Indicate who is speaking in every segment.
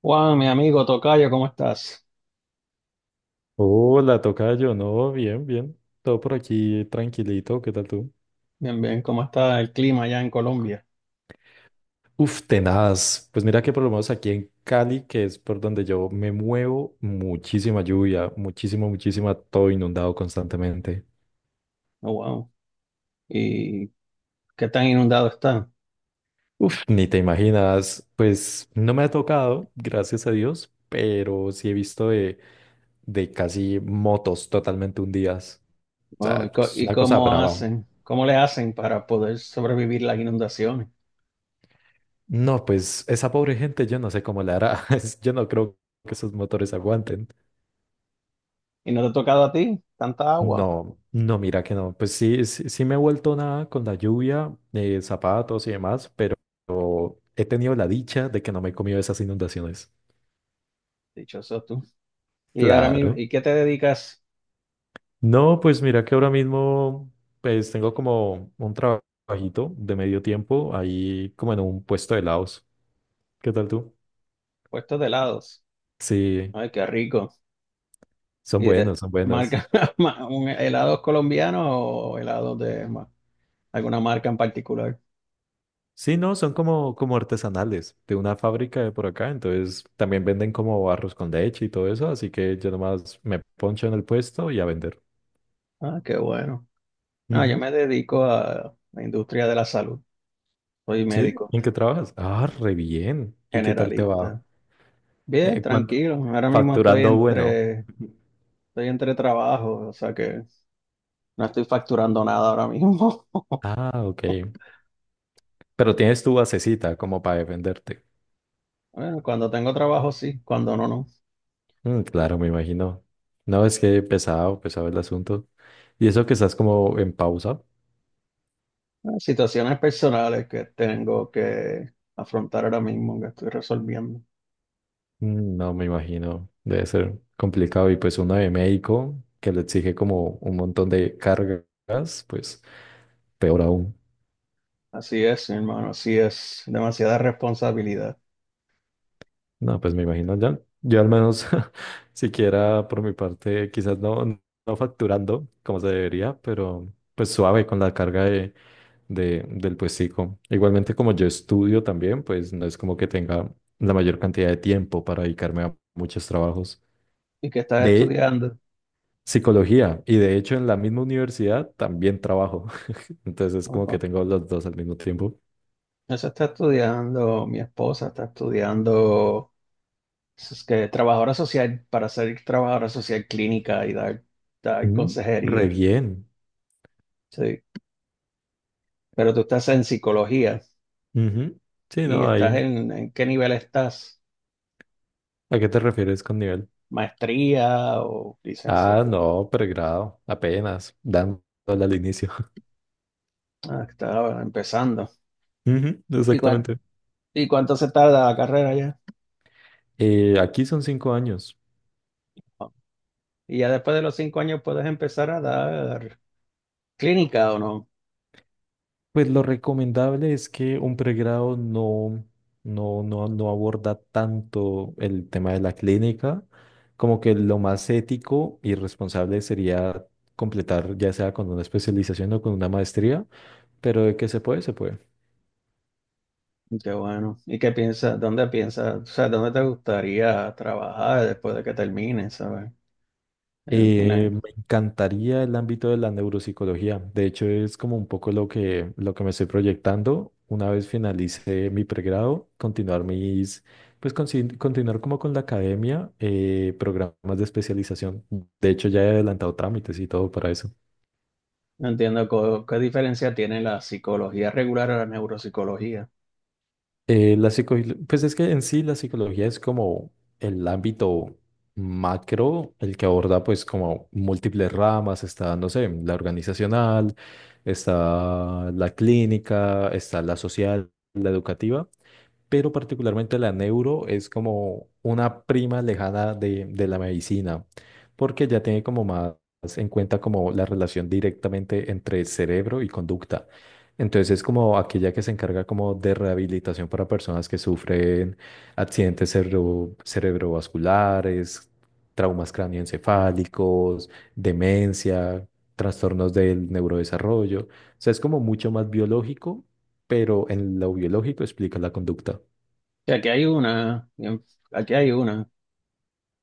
Speaker 1: Juan, mi amigo Tocayo, ¿cómo estás?
Speaker 2: Hola, tocayo, no, bien, bien. Todo por aquí tranquilito, ¿qué tal tú?
Speaker 1: Bien, bien, ¿cómo está el clima allá en Colombia?
Speaker 2: Uf, tenaz. Pues mira que por lo menos aquí en Cali, que es por donde yo me muevo, muchísima lluvia, muchísima, muchísima, todo inundado constantemente.
Speaker 1: Oh, wow. ¿Y qué tan inundado está?
Speaker 2: Uf, ni te imaginas, pues no me ha tocado, gracias a Dios, pero sí he visto de casi motos totalmente hundidas. O
Speaker 1: Wow, ¿y,
Speaker 2: sea, es
Speaker 1: y
Speaker 2: una cosa
Speaker 1: cómo
Speaker 2: brava.
Speaker 1: hacen? ¿Cómo le hacen para poder sobrevivir las inundaciones?
Speaker 2: No, pues esa pobre gente, yo no sé cómo le hará. Es- Yo no creo que esos motores aguanten.
Speaker 1: ¿Y no te ha tocado a ti tanta agua?
Speaker 2: No, no, mira que no. Pues sí, sí, sí me he vuelto nada con la lluvia, zapatos y demás, pero he tenido la dicha de que no me he comido esas inundaciones.
Speaker 1: Dichoso tú. ¿Y ahora mismo,
Speaker 2: Claro.
Speaker 1: y qué te dedicas?
Speaker 2: No, pues mira que ahora mismo, pues tengo como un trabajito de medio tiempo ahí como en un puesto de helados. ¿Qué tal tú?
Speaker 1: Puestos de helados.
Speaker 2: Sí,
Speaker 1: Ay, qué rico.
Speaker 2: son
Speaker 1: ¿Y de
Speaker 2: buenos, son buenos.
Speaker 1: marca un helados colombianos o helados de alguna marca en particular?
Speaker 2: Sí, no, son como, como artesanales de una fábrica de por acá, entonces también venden como arroz con leche y todo eso, así que yo nomás me poncho en el puesto y a vender.
Speaker 1: Ah, qué bueno. No, yo
Speaker 2: Ujú.
Speaker 1: me dedico a la industria de la salud. Soy
Speaker 2: ¿Sí?
Speaker 1: médico
Speaker 2: ¿En qué trabajas? Ah, re bien. ¿Y qué tal te va?
Speaker 1: generalista. Bien,
Speaker 2: ¿Cuánto?
Speaker 1: tranquilo. Ahora mismo estoy
Speaker 2: Facturando bueno.
Speaker 1: entre, Estoy entre trabajos, o sea que no estoy facturando nada ahora mismo.
Speaker 2: Ah, ok. Pero tienes tu basecita como para defenderte.
Speaker 1: Bueno, cuando tengo trabajo sí, cuando no, no.
Speaker 2: Mm, claro, me imagino. No, es que pesado, pesado el asunto. ¿Y eso que estás como en pausa?
Speaker 1: Situaciones personales que tengo que afrontar ahora mismo, que estoy resolviendo.
Speaker 2: Mm, no me imagino, debe ser complicado. Y pues uno de médico que le exige como un montón de cargas, pues peor aún.
Speaker 1: Así es, mi hermano, así es. Demasiada responsabilidad.
Speaker 2: No, pues me imagino ya. Yo al menos, siquiera por mi parte, quizás no, no facturando como se debería, pero pues suave con la carga del puestico. Igualmente como yo estudio también, pues no es como que tenga la mayor cantidad de tiempo para dedicarme a muchos trabajos.
Speaker 1: ¿Y qué estás
Speaker 2: De
Speaker 1: estudiando?
Speaker 2: psicología y de hecho en la misma universidad también trabajo. Entonces,
Speaker 1: Oh,
Speaker 2: como que
Speaker 1: wow.
Speaker 2: tengo los dos al mismo tiempo.
Speaker 1: Eso está estudiando mi esposa, está estudiando. Es que trabajadora social, para ser trabajadora social clínica y dar
Speaker 2: Mm, re
Speaker 1: consejería,
Speaker 2: bien.
Speaker 1: sí. Pero tú estás en psicología
Speaker 2: Ujú. Sí,
Speaker 1: y
Speaker 2: no,
Speaker 1: estás
Speaker 2: ahí.
Speaker 1: ¿en qué nivel estás?
Speaker 2: ¿A qué te refieres con nivel?
Speaker 1: ¿Maestría o
Speaker 2: Ah,
Speaker 1: licenciatura?
Speaker 2: no, pregrado, apenas, dándole al inicio.
Speaker 1: Ah, estaba empezando.
Speaker 2: Ujú,
Speaker 1: ¿Y,
Speaker 2: exactamente.
Speaker 1: y cuánto se tarda la carrera ya?
Speaker 2: Aquí son 5 años.
Speaker 1: Oh. Y ya después de los 5 años puedes empezar a dar clínica o no.
Speaker 2: Pues lo recomendable es que un pregrado no aborda tanto el tema de la clínica, como que lo más ético y responsable sería completar ya sea con una especialización o con una maestría. Pero de que se puede, se puede.
Speaker 1: Qué bueno. ¿Y qué piensas? ¿Dónde piensas? O sea, ¿dónde te gustaría trabajar después de que termines? ¿Sabes? Eh, una-
Speaker 2: Me encantaría el ámbito de la neuropsicología. De hecho, es como un poco lo que me estoy proyectando. Una vez finalice mi pregrado, continuar mis, pues continuar como con la academia, programas de especialización. De hecho, ya he adelantado trámites y todo para eso.
Speaker 1: No entiendo qué diferencia tiene la psicología regular a la neuropsicología.
Speaker 2: Eh, la psico- pues es que en sí la psicología es como el ámbito macro, el que aborda pues como múltiples ramas, está, no sé, la organizacional, está la clínica, está la social, la educativa, pero particularmente la neuro es como una prima lejana de la medicina, porque ya tiene como más en cuenta como la relación directamente entre cerebro y conducta. Entonces es como aquella que se encarga como de rehabilitación para personas que sufren accidentes cerebrovasculares, traumas cranioencefálicos, demencia, trastornos del neurodesarrollo. O sea, es como mucho más biológico, pero en lo biológico explica la conducta.
Speaker 1: Que aquí hay una, aquí hay una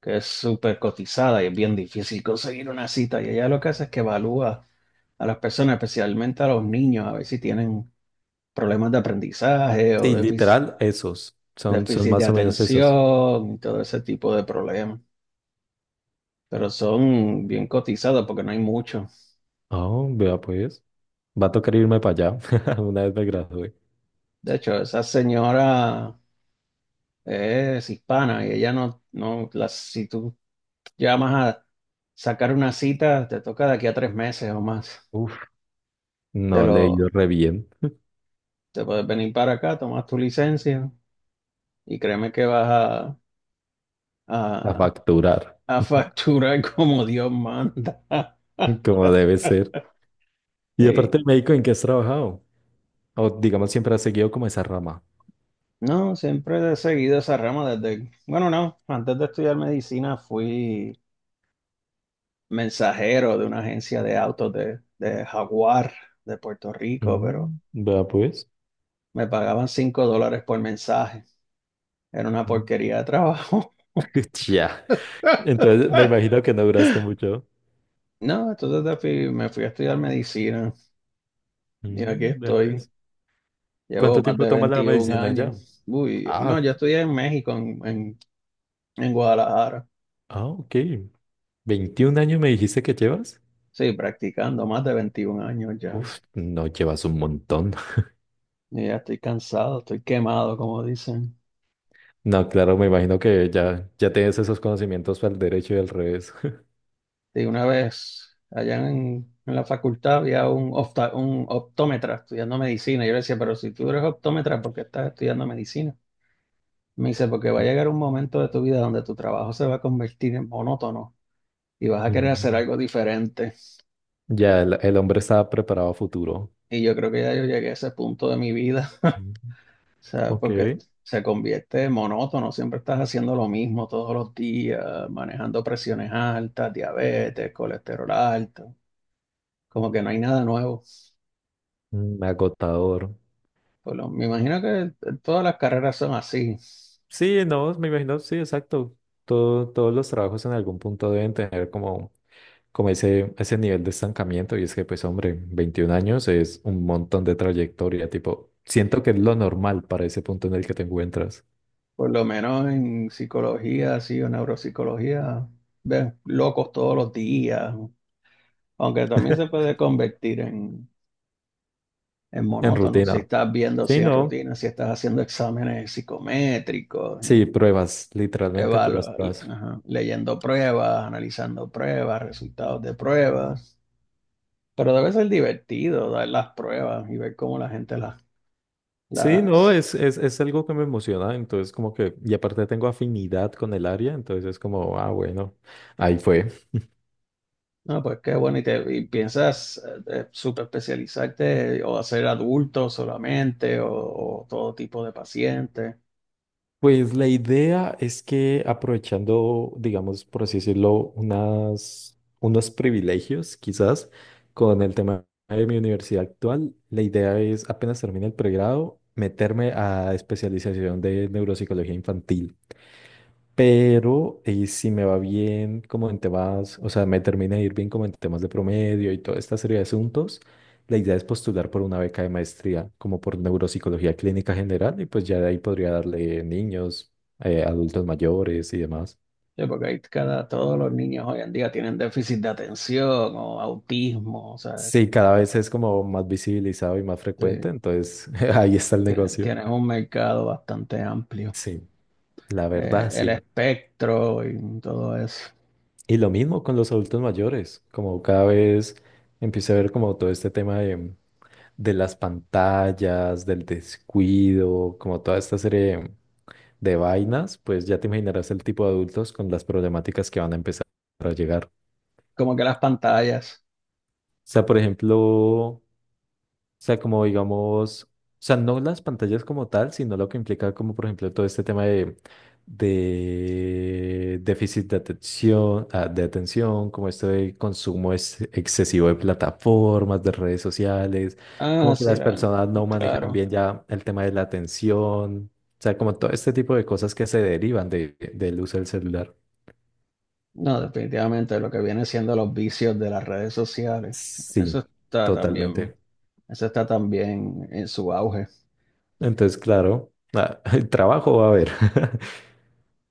Speaker 1: que es súper cotizada y es bien difícil conseguir una cita. Y ella lo que hace es que evalúa a las personas, especialmente a los niños, a ver si tienen problemas de aprendizaje
Speaker 2: Sí,
Speaker 1: o
Speaker 2: literal, esos. Son, son
Speaker 1: déficit de
Speaker 2: más o menos esos.
Speaker 1: atención y todo ese tipo de problemas. Pero son bien cotizados porque no hay mucho.
Speaker 2: Oh, vea pues. Va a tocar irme para allá. Una vez me gradué.
Speaker 1: De hecho, esa señora es hispana y ella no, no, las si tú ya más a sacar una cita, te toca de aquí a 3 meses o más.
Speaker 2: Uf,
Speaker 1: De
Speaker 2: no le he ido
Speaker 1: lo,
Speaker 2: re bien
Speaker 1: te puedes venir para acá, tomas tu licencia y créeme que vas
Speaker 2: a
Speaker 1: a,
Speaker 2: facturar,
Speaker 1: a facturar como Dios manda.
Speaker 2: como debe ser. Y
Speaker 1: Sí.
Speaker 2: aparte, el médico en qué has trabajado. O digamos, siempre has seguido como esa rama.
Speaker 1: No, siempre he seguido esa rama desde, bueno, no, antes de estudiar medicina fui mensajero de una agencia de autos de Jaguar, de Puerto Rico, pero
Speaker 2: Mm, vea pues.
Speaker 1: me pagaban $5 por mensaje. Era una
Speaker 2: Mm.
Speaker 1: porquería de trabajo.
Speaker 2: Ya. Entonces, me imagino que no duraste mucho.
Speaker 1: No, entonces me fui a estudiar medicina y aquí
Speaker 2: Mm, vea
Speaker 1: estoy.
Speaker 2: pues.
Speaker 1: Llevo
Speaker 2: ¿Cuánto
Speaker 1: más
Speaker 2: tiempo
Speaker 1: de
Speaker 2: tomas la
Speaker 1: 21
Speaker 2: medicina ya?
Speaker 1: años. Uy, no,
Speaker 2: Ah,
Speaker 1: yo estudié en México, en Guadalajara.
Speaker 2: ah, ok. ¿21 años me dijiste que llevas?
Speaker 1: Sí, practicando más de 21 años ya, sí.
Speaker 2: Uf, no llevas un montón.
Speaker 1: Y ya estoy cansado, estoy quemado, como dicen.
Speaker 2: No, claro, me imagino que ya, ya tienes esos conocimientos para el derecho y al revés.
Speaker 1: Y una vez allá en la facultad había un optómetra estudiando medicina. Yo le decía, pero si tú eres optómetra, ¿por qué estás estudiando medicina? Me dice, porque va a llegar un momento de tu vida donde tu trabajo se va a convertir en monótono y vas a querer hacer
Speaker 2: Mm.
Speaker 1: algo diferente.
Speaker 2: Ya, el hombre estaba preparado a futuro.
Speaker 1: Y yo creo que ya yo llegué a ese punto de mi vida,
Speaker 2: Mm.
Speaker 1: o sea,
Speaker 2: Ok.
Speaker 1: porque se convierte en monótono, siempre estás haciendo lo mismo todos los días, manejando presiones altas, diabetes, colesterol alto, como que no hay nada nuevo.
Speaker 2: Mm, agotador.
Speaker 1: Me imagino que todas las carreras son así,
Speaker 2: Sí, no, me imagino, sí, exacto. Todo- todos los trabajos en algún punto deben tener como, como ese nivel de estancamiento. Y es que, pues, hombre, 21 años es un montón de trayectoria. Tipo, siento que es lo normal para ese punto en el que te encuentras.
Speaker 1: por lo menos en psicología, sí, o neuropsicología. Ves locos todos los días, aunque también se puede convertir en, es
Speaker 2: En
Speaker 1: monótono. Si
Speaker 2: rutina.
Speaker 1: estás viendo
Speaker 2: Sí,
Speaker 1: si
Speaker 2: no.
Speaker 1: rutinas, si estás haciendo exámenes psicométricos,
Speaker 2: Sí, pruebas, literalmente puras pruebas.
Speaker 1: ajá, leyendo pruebas, analizando pruebas, resultados de pruebas. Pero debe ser divertido dar las pruebas y ver cómo la gente
Speaker 2: Sí, no,
Speaker 1: las...
Speaker 2: es algo que me emociona, entonces como que, y aparte tengo afinidad con el área, entonces es como, ah, bueno, ahí fue.
Speaker 1: No, pues qué bueno. Y piensas súper especializarte o hacer adultos solamente o todo tipo de pacientes.
Speaker 2: Pues la idea es que aprovechando, digamos, por así decirlo, unos privilegios quizás con el tema de mi universidad actual, la idea es apenas termine el pregrado, meterme a especialización de neuropsicología infantil. Pero si me va bien como en temas, o sea, me termina de ir bien como en temas de promedio y toda esta serie de asuntos, la idea es postular por una beca de maestría, como por neuropsicología clínica general, y pues ya de ahí podría darle niños, adultos mayores y demás.
Speaker 1: Sí, porque hay cada, todos los niños hoy en día tienen déficit de atención o autismo, o sea,
Speaker 2: Sí, cada vez es como más visibilizado y más frecuente,
Speaker 1: sí.
Speaker 2: entonces ahí está el negocio.
Speaker 1: Tienes un mercado bastante amplio.
Speaker 2: Sí, la verdad,
Speaker 1: El
Speaker 2: sí.
Speaker 1: espectro y todo eso.
Speaker 2: Y lo mismo con los adultos mayores, como cada vez empiezo a ver como todo este tema de las pantallas, del descuido, como toda esta serie de vainas, pues ya te imaginarás el tipo de adultos con las problemáticas que van a empezar a llegar.
Speaker 1: Como que las pantallas.
Speaker 2: O sea, por ejemplo, o sea, como digamos, o sea, no las pantallas como tal, sino lo que implica como, por ejemplo, todo este tema de déficit de atención, ah, de atención, como esto de consumo es excesivo de plataformas, de redes sociales,
Speaker 1: Ah,
Speaker 2: como que
Speaker 1: sí,
Speaker 2: las personas no manejan
Speaker 1: claro.
Speaker 2: bien ya el tema de la atención, o sea, como todo este tipo de cosas que se derivan del uso del celular.
Speaker 1: No, definitivamente lo que viene siendo los vicios de las redes sociales. Eso
Speaker 2: Sí,
Speaker 1: está también,
Speaker 2: totalmente.
Speaker 1: eso está también en su auge.
Speaker 2: Entonces, claro, ah, el trabajo va a haber.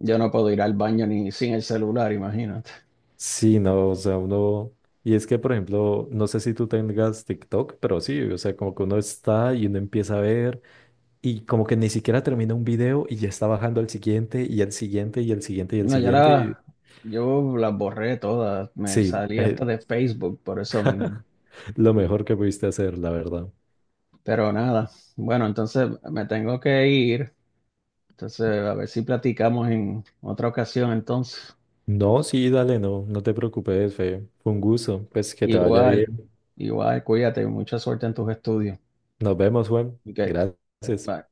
Speaker 1: Yo no puedo ir al baño ni sin el celular, imagínate.
Speaker 2: Sí, no, o sea, uno, y es que, por ejemplo, no sé si tú tengas TikTok, pero sí, o sea, como que uno está y uno empieza a ver y como que ni siquiera termina un video y ya está bajando al siguiente y al siguiente y al siguiente y al
Speaker 1: No, ya
Speaker 2: siguiente.
Speaker 1: las,
Speaker 2: Y-
Speaker 1: yo las borré todas. Me
Speaker 2: sí,
Speaker 1: salí hasta de Facebook por eso mismo.
Speaker 2: lo mejor que pudiste hacer, la verdad.
Speaker 1: Pero nada. Bueno, entonces me tengo que ir. Entonces, a ver si platicamos en otra ocasión entonces.
Speaker 2: No, sí, dale, no, no te preocupes, Fe. Fue un gusto, pues que te vaya
Speaker 1: Igual,
Speaker 2: bien.
Speaker 1: igual, cuídate, mucha suerte en tus estudios.
Speaker 2: Nos vemos, Juan.
Speaker 1: Ok,
Speaker 2: Gracias.
Speaker 1: bye.